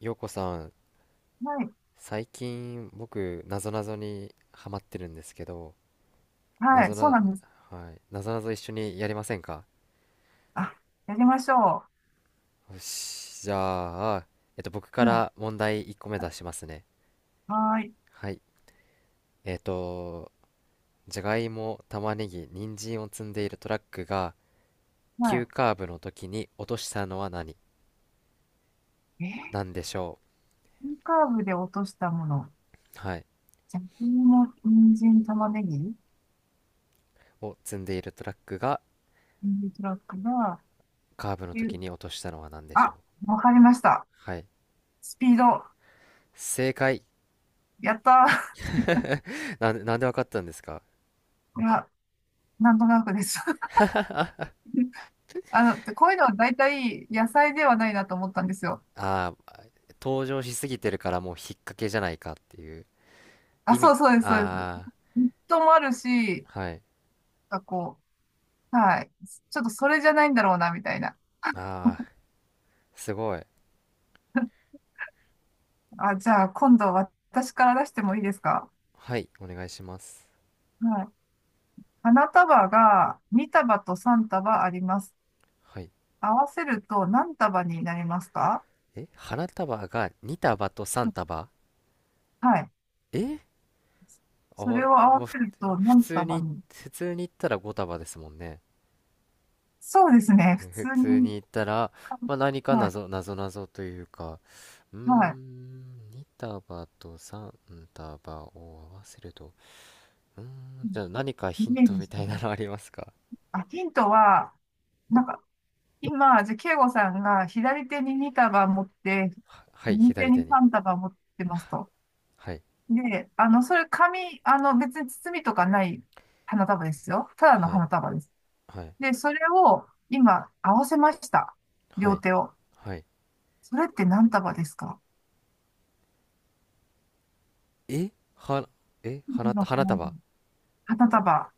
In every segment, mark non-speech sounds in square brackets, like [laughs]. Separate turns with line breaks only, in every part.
ようこさん、
はい、
最近僕なぞなぞにハマってるんですけど、な
は
ぞ
い、そう
な、
なんです。
はい、なぞなぞ一緒にやりませんか？
あ、やりましょ
よし、じゃあ、僕か
う。はい、
ら問題1個目出しますね。
はい、
はい。えっと、じゃがいも、玉ねぎ、人参を積んでいるトラックが、急
は
カーブの時に落としたのは何
い。
なんでしょ
イカーブで落としたもの。
う？はい。
じゃがいも、人参、玉ねぎ、
を積んでいるトラックが、
人参トラックが、
カーブの時
ゆ
に落としたのは何でしょう？
あ、わかりました。
はい。
スピード。
正解。
やった
なんでわかったんですか？
ー。[laughs] いや、なんとなくです。[laughs] あの、こういうのは大体野菜ではないなと思ったんですよ。
ああー、登場しすぎてるからもう引っ掛けじゃないかっていう
あ、
意
そ
味。
うそうです、そうです。
あ
ネットもあるし、
あ、はい。
なんかこう、はい。ちょっとそれじゃないんだろうな、みたいな。
ああ、すごい。
あ、じゃあ、今度私から出してもいいですか？
はい、お願いします。
はい。花束が2束と3束あります。
はい。
合わせると何束になりますか？
え、花束が2束と3束
はい。
え、あ、
それを合
まあ、
わせると
普
何
通
束
に、
に？
普通に言ったら5束ですもんね。
そうですね。普
普
通
通に
に
言ったら、
か。
まあ、何か
はい。
謎、謎謎というか、うー
はい。
ん、2束と3束を合わせると、うーん、じゃあ何か
イ
ヒン
メー
ト
ジ
み
して
た
ね。
いなのありますか？
あ、ヒントは、なんか、今、じゃあ、慶吾さんが左手に2束持って、
はい、
右手
左手
に
に。
3束持ってます
は
と。
はい、
で、あの、それ紙、あの、別に包みとかない花束ですよ。ただの
はい、
花束です。
はい、
で、それを今合わせました。
は
両
い、
手を。
はい。
それって何束ですか？
えは、
の
花
花束。
束。
花束。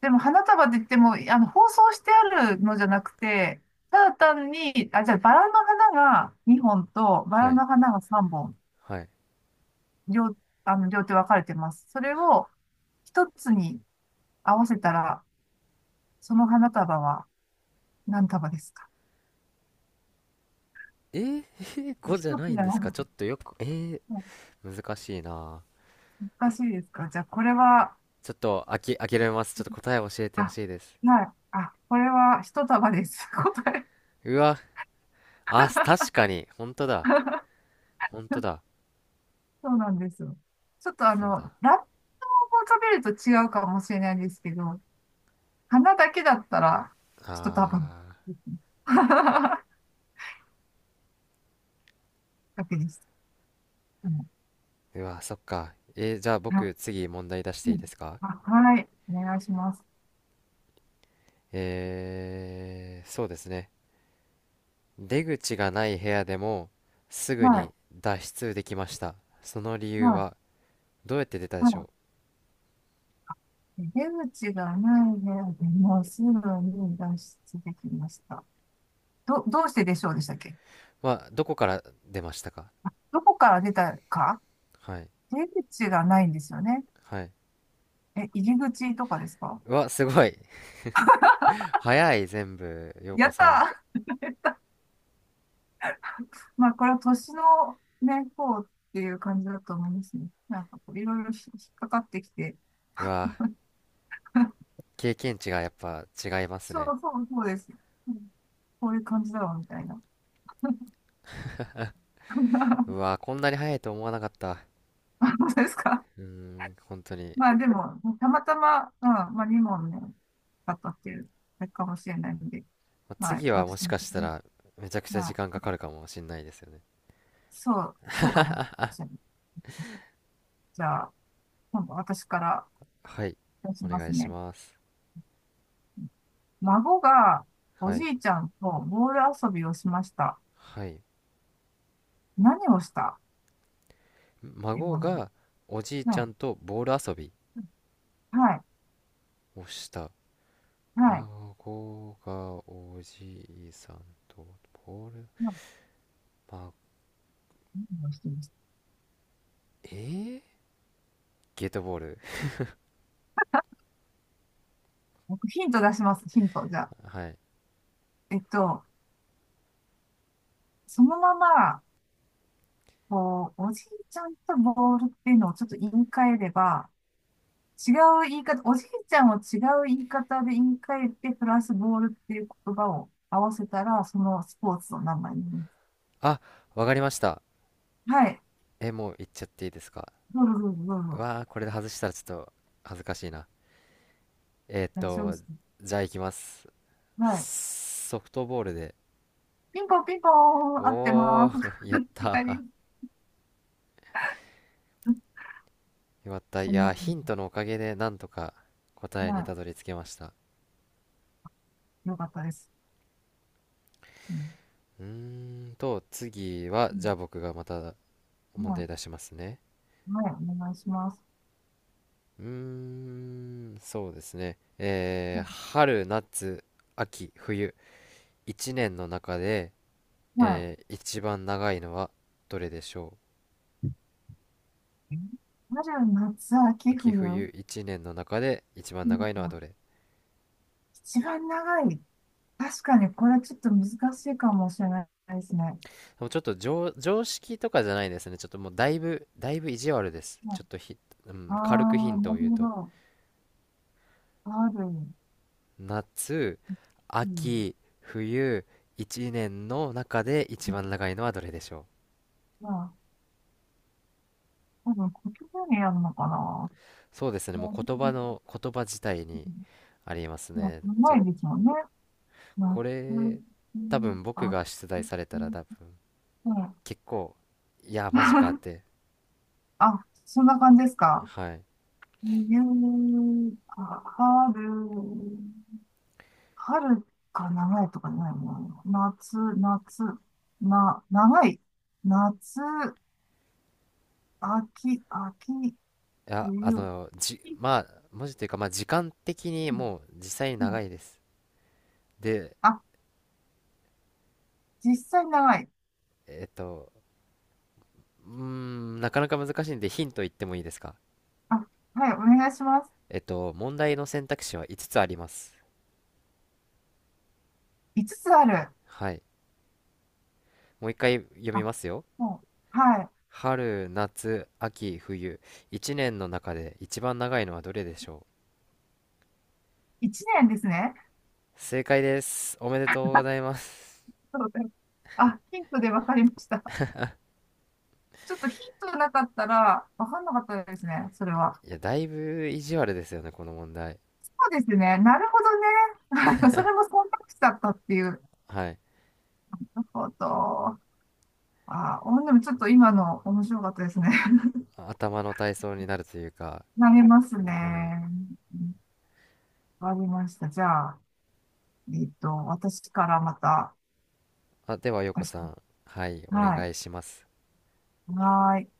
でも花束って言っても、あの、包装してあるのじゃなくて、ただ単に、あ、じゃあバラの花が2本と、バ
は
ラ
い、
の花が3本、
はい。
両、あの、両手分かれてます。それを一つに合わせたら、その花束は何束ですか？
えー、[laughs] 5
一
じゃな
つ
いん
だ
で
よ。
すか？ちょっとよく、えー、
うん。
難しいな。
難しいですか？じゃあ、これは、
ちょっと諦めます。ちょっと答え教えてほ
あ、
しいです。
はい、あ、これは一束です。[laughs] 答え。
うわ、あ、確かに。本当だ。本当だ。
そうなんですよ。ちょっとあ
そう
の、
だ。
ラップを食べると違うかもしれないですけど、花だけだったら、一束
あ
ですね。[laughs] だけです。うん。
ー、うわ、そっか。えー、じゃあ
あ、
僕、次問題出して
う
いい
ん。
ですか？
あはい。お願いします。
えー、そうですね。出口がない部屋でもすぐ
はい。
に脱出できました。その理
は
由
い。
はどうやって出たでしょ
はい。出口がない部屋でもすぐに脱出できました。どうしてでしょうでしたっけ？
う？は、どこから出ましたか？
どこから出たか？
はい。
出口がないんですよね。
はい。
え、入り口とかですか？
うわ、すごい。[laughs] 早い、全部、陽
や
子
っ
さん。
たー。 [laughs] まあ、これは年のね、こうっていう感じだと思いますね。なんかこう、いろいろ引っかかってきて、
うわ、
[laughs]
経験値がやっぱ違います
そう
ね。
そうそうです。うん。こういう感じだろうみたいな。[laughs]
う
そ
わ、こんなに早いと思わなかった。
うですか。
うーん、本当に。
まあでも、たまたま、うん、まあ2問ね、買ったっていう、あれかもしれないので、
まあ
まあ
次はも
私
し
も
かした
ね、
らめちゃくちゃ
ま
時
あ、
間かかるかもしんないですよね。
そうかもしれない。じゃあ、今度私から
はい。
出し
お
ま
願
す
いし
ね。
ます。
孫がお
は
じ
い。
いちゃんとボール遊びをしました。
はい。
何をした今
孫
の。
がおじいち
はい。
ゃんとボール遊び
はい。
をした。
はい。
孫がおじいさんとボール、
何
ま、
をしてました？
えー、ゲートボール。
僕ヒント出します。ヒント。じゃあ。
[laughs] はい。
えっと、そのまま、こう、おじいちゃんとボールっていうのをちょっと言い換えれば、違う言い方、おじいちゃんを違う言い方で言い換えて、プラスボールっていう言葉を合わせたら、そのスポーツの名前になります。
あ、わかりました。
はい。
え、もう言っちゃっていいですか？
どうぞどうぞどう
う
ぞ。
わあ、これで外したらちょっと恥ずかしいな。えーっ
大丈夫で
と、
す
じゃあ行きます。
か？はい。
ソフトボールで。
ピンポンピンポン、合って
お
ま
お。
す。
[laughs] やっ
[laughs] 二
た
人。うん、
ー、よかった。い
そんな
やー、
感
ヒントのおかげでなんとか
じ。
答えに
は
たどり着けました。
い。よかったです。うん。
うー次は、
う
じゃ
ん。
あ僕がまた問
は
題
い。
出しますね。
はい。お願いします。
うーん、そうですね。えー、春、夏、秋、冬、一年の中で、
は
えー、一番長いのはどれでしょ
い。春、夏、
う？
秋、
秋、
冬。
冬、一年の中で一番
う
長
ん。
いのはどれ？
一番長い。確かに、これちょっと難しいかもしれないですね。
もうちょっと常識とかじゃないですね。ちょっともうだいぶ意地悪です。
はい。
ちょっとひ、う
あ
ん、軽くヒ
あ
ン
ー、
ト
な
を言う
るほ
と。
ど。ある、
夏、
うん。
秋、冬、一年の中で一番長いのはどれでしょう？
まあ、多分、こっちにやるのかな。
そうですね、も
ま
う言葉の、言葉自体にあります
あ、考
ね。
えですもんね。ま
こ
秋ん
れ、多分僕
あ、
が出題され
う
たら
ん。
多分結構、いや、マジかって、
あ、そんな感じですか？
はい。い
冬、まあ、春、春か長いとかないな。夏、夏、な、長い。夏、秋、秋、
や、
冬。
まあ、文字というか、まあ、時間的に
うん。
もう実際に
う
長
ん。
いです。で、
あ、実際長い。
えっと、うーん、なかなか難しいんでヒント言ってもいいですか？
あ、はい、お願いします。
問題の選択肢は5つつあります。
5つつある。
はい。もう一回読み
あ、
ますよ。
もう、はい。
春、夏、秋、冬。一年の中で一番長いのはどれでしょ
1年ですね。
う？正解です。おめでとうございます。
そうです。あ、ヒントで分かりました。ちょっとヒントなかったら、わかんなかったですね、それは。
いや、だいぶ意地悪ですよね、この問題。
そうですね、なるほどね。[laughs] それも忖度しちゃったっていう。
はい。
なるほど。あー、お、でもちょっと今の面白かったですね。[laughs]
頭の体操になるというか。
投げます
はい。
ね。わかりました。じゃあ、えっと、私からまた。
あ、では、よこ
私。
さん。はい、お
は
願
い。
いします。
はーい。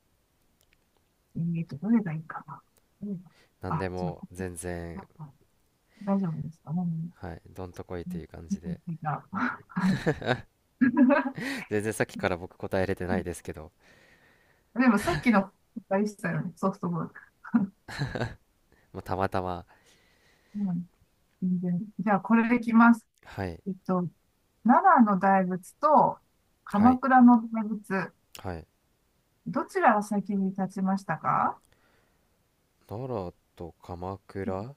えっと、どれがいいかな。どれが？
何で
あ、ちょっ
も
と、
全然、
大丈夫ですかね。
はい、どんとこいという感じで。
じゃあ、はい。[laughs]
全然さっきから僕答えれてないですけど、
でもさっきのあれでしたよね、ソフトボール。
まあ、たまたま。
[laughs] うん、全然。じゃあ、これでいきます。
はい、
えっと、奈良の大仏と
は
鎌
い、
倉の大仏、
はい。
どちらが先に立ちましたか？
奈良と鎌倉、ああ、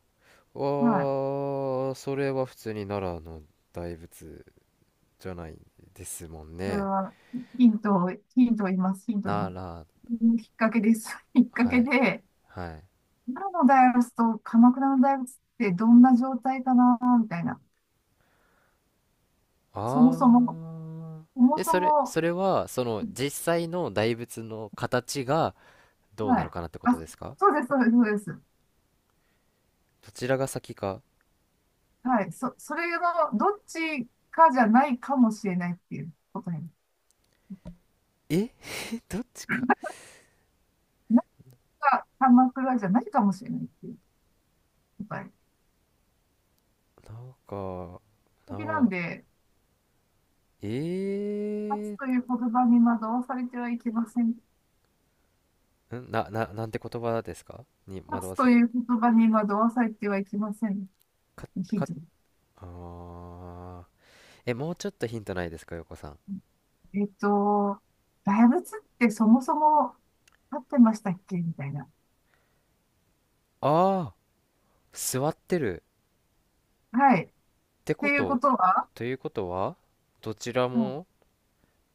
はい。
それは普通に奈良の大仏じゃないですもん
これ
ね。
は、ヒントを、ヒントを言います。ヒントを言い
奈
ます。
良、
きっかけです。[laughs] きっか
は
け
い、
で、
はい。
奈良の大仏と鎌倉の大仏ってどんな状態かな、みたいな。そもそも、
ああ、
そも
え、
そ
それ、
も、
それは、その実際の大仏の形がどう
は
なの
い。
かなってこと
あ、
ですか？
そうです、そうです、そうです。
どちらが先か。
はい。それのどっちかじゃないかもしれないっていう答え。
え、[laughs] どっちか。
なんか鎌倉じゃないかもしれないっていう答え。
なんか、
敵なん
な、
で、勝つ
え
という言葉に惑わされてはいけません。
ー、なんて言葉ですか？に
勝
惑
つ
わ
と
す。
いう言葉に惑わされてはいけません。
か、
ヒン
か、
ト。
ああ、え、もうちょっとヒントないですか、横さん。
えっと、大仏ってそもそも立ってましたっけみたいな。
ああ、座ってる。
はい。っ
ってこ
ていうこ
と、
とは、
ということは、どちら
うん。
も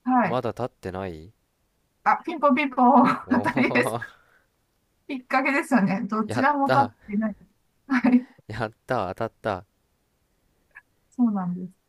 はい。
まだ立ってない。
あ、ピンポンピンポン、[laughs] 当
お
たりです。
お。
きっかけですよね。ど
[laughs]
ち
やっ
らも立っ
た、
てない。はい。
やった、当たった。
そうなんです。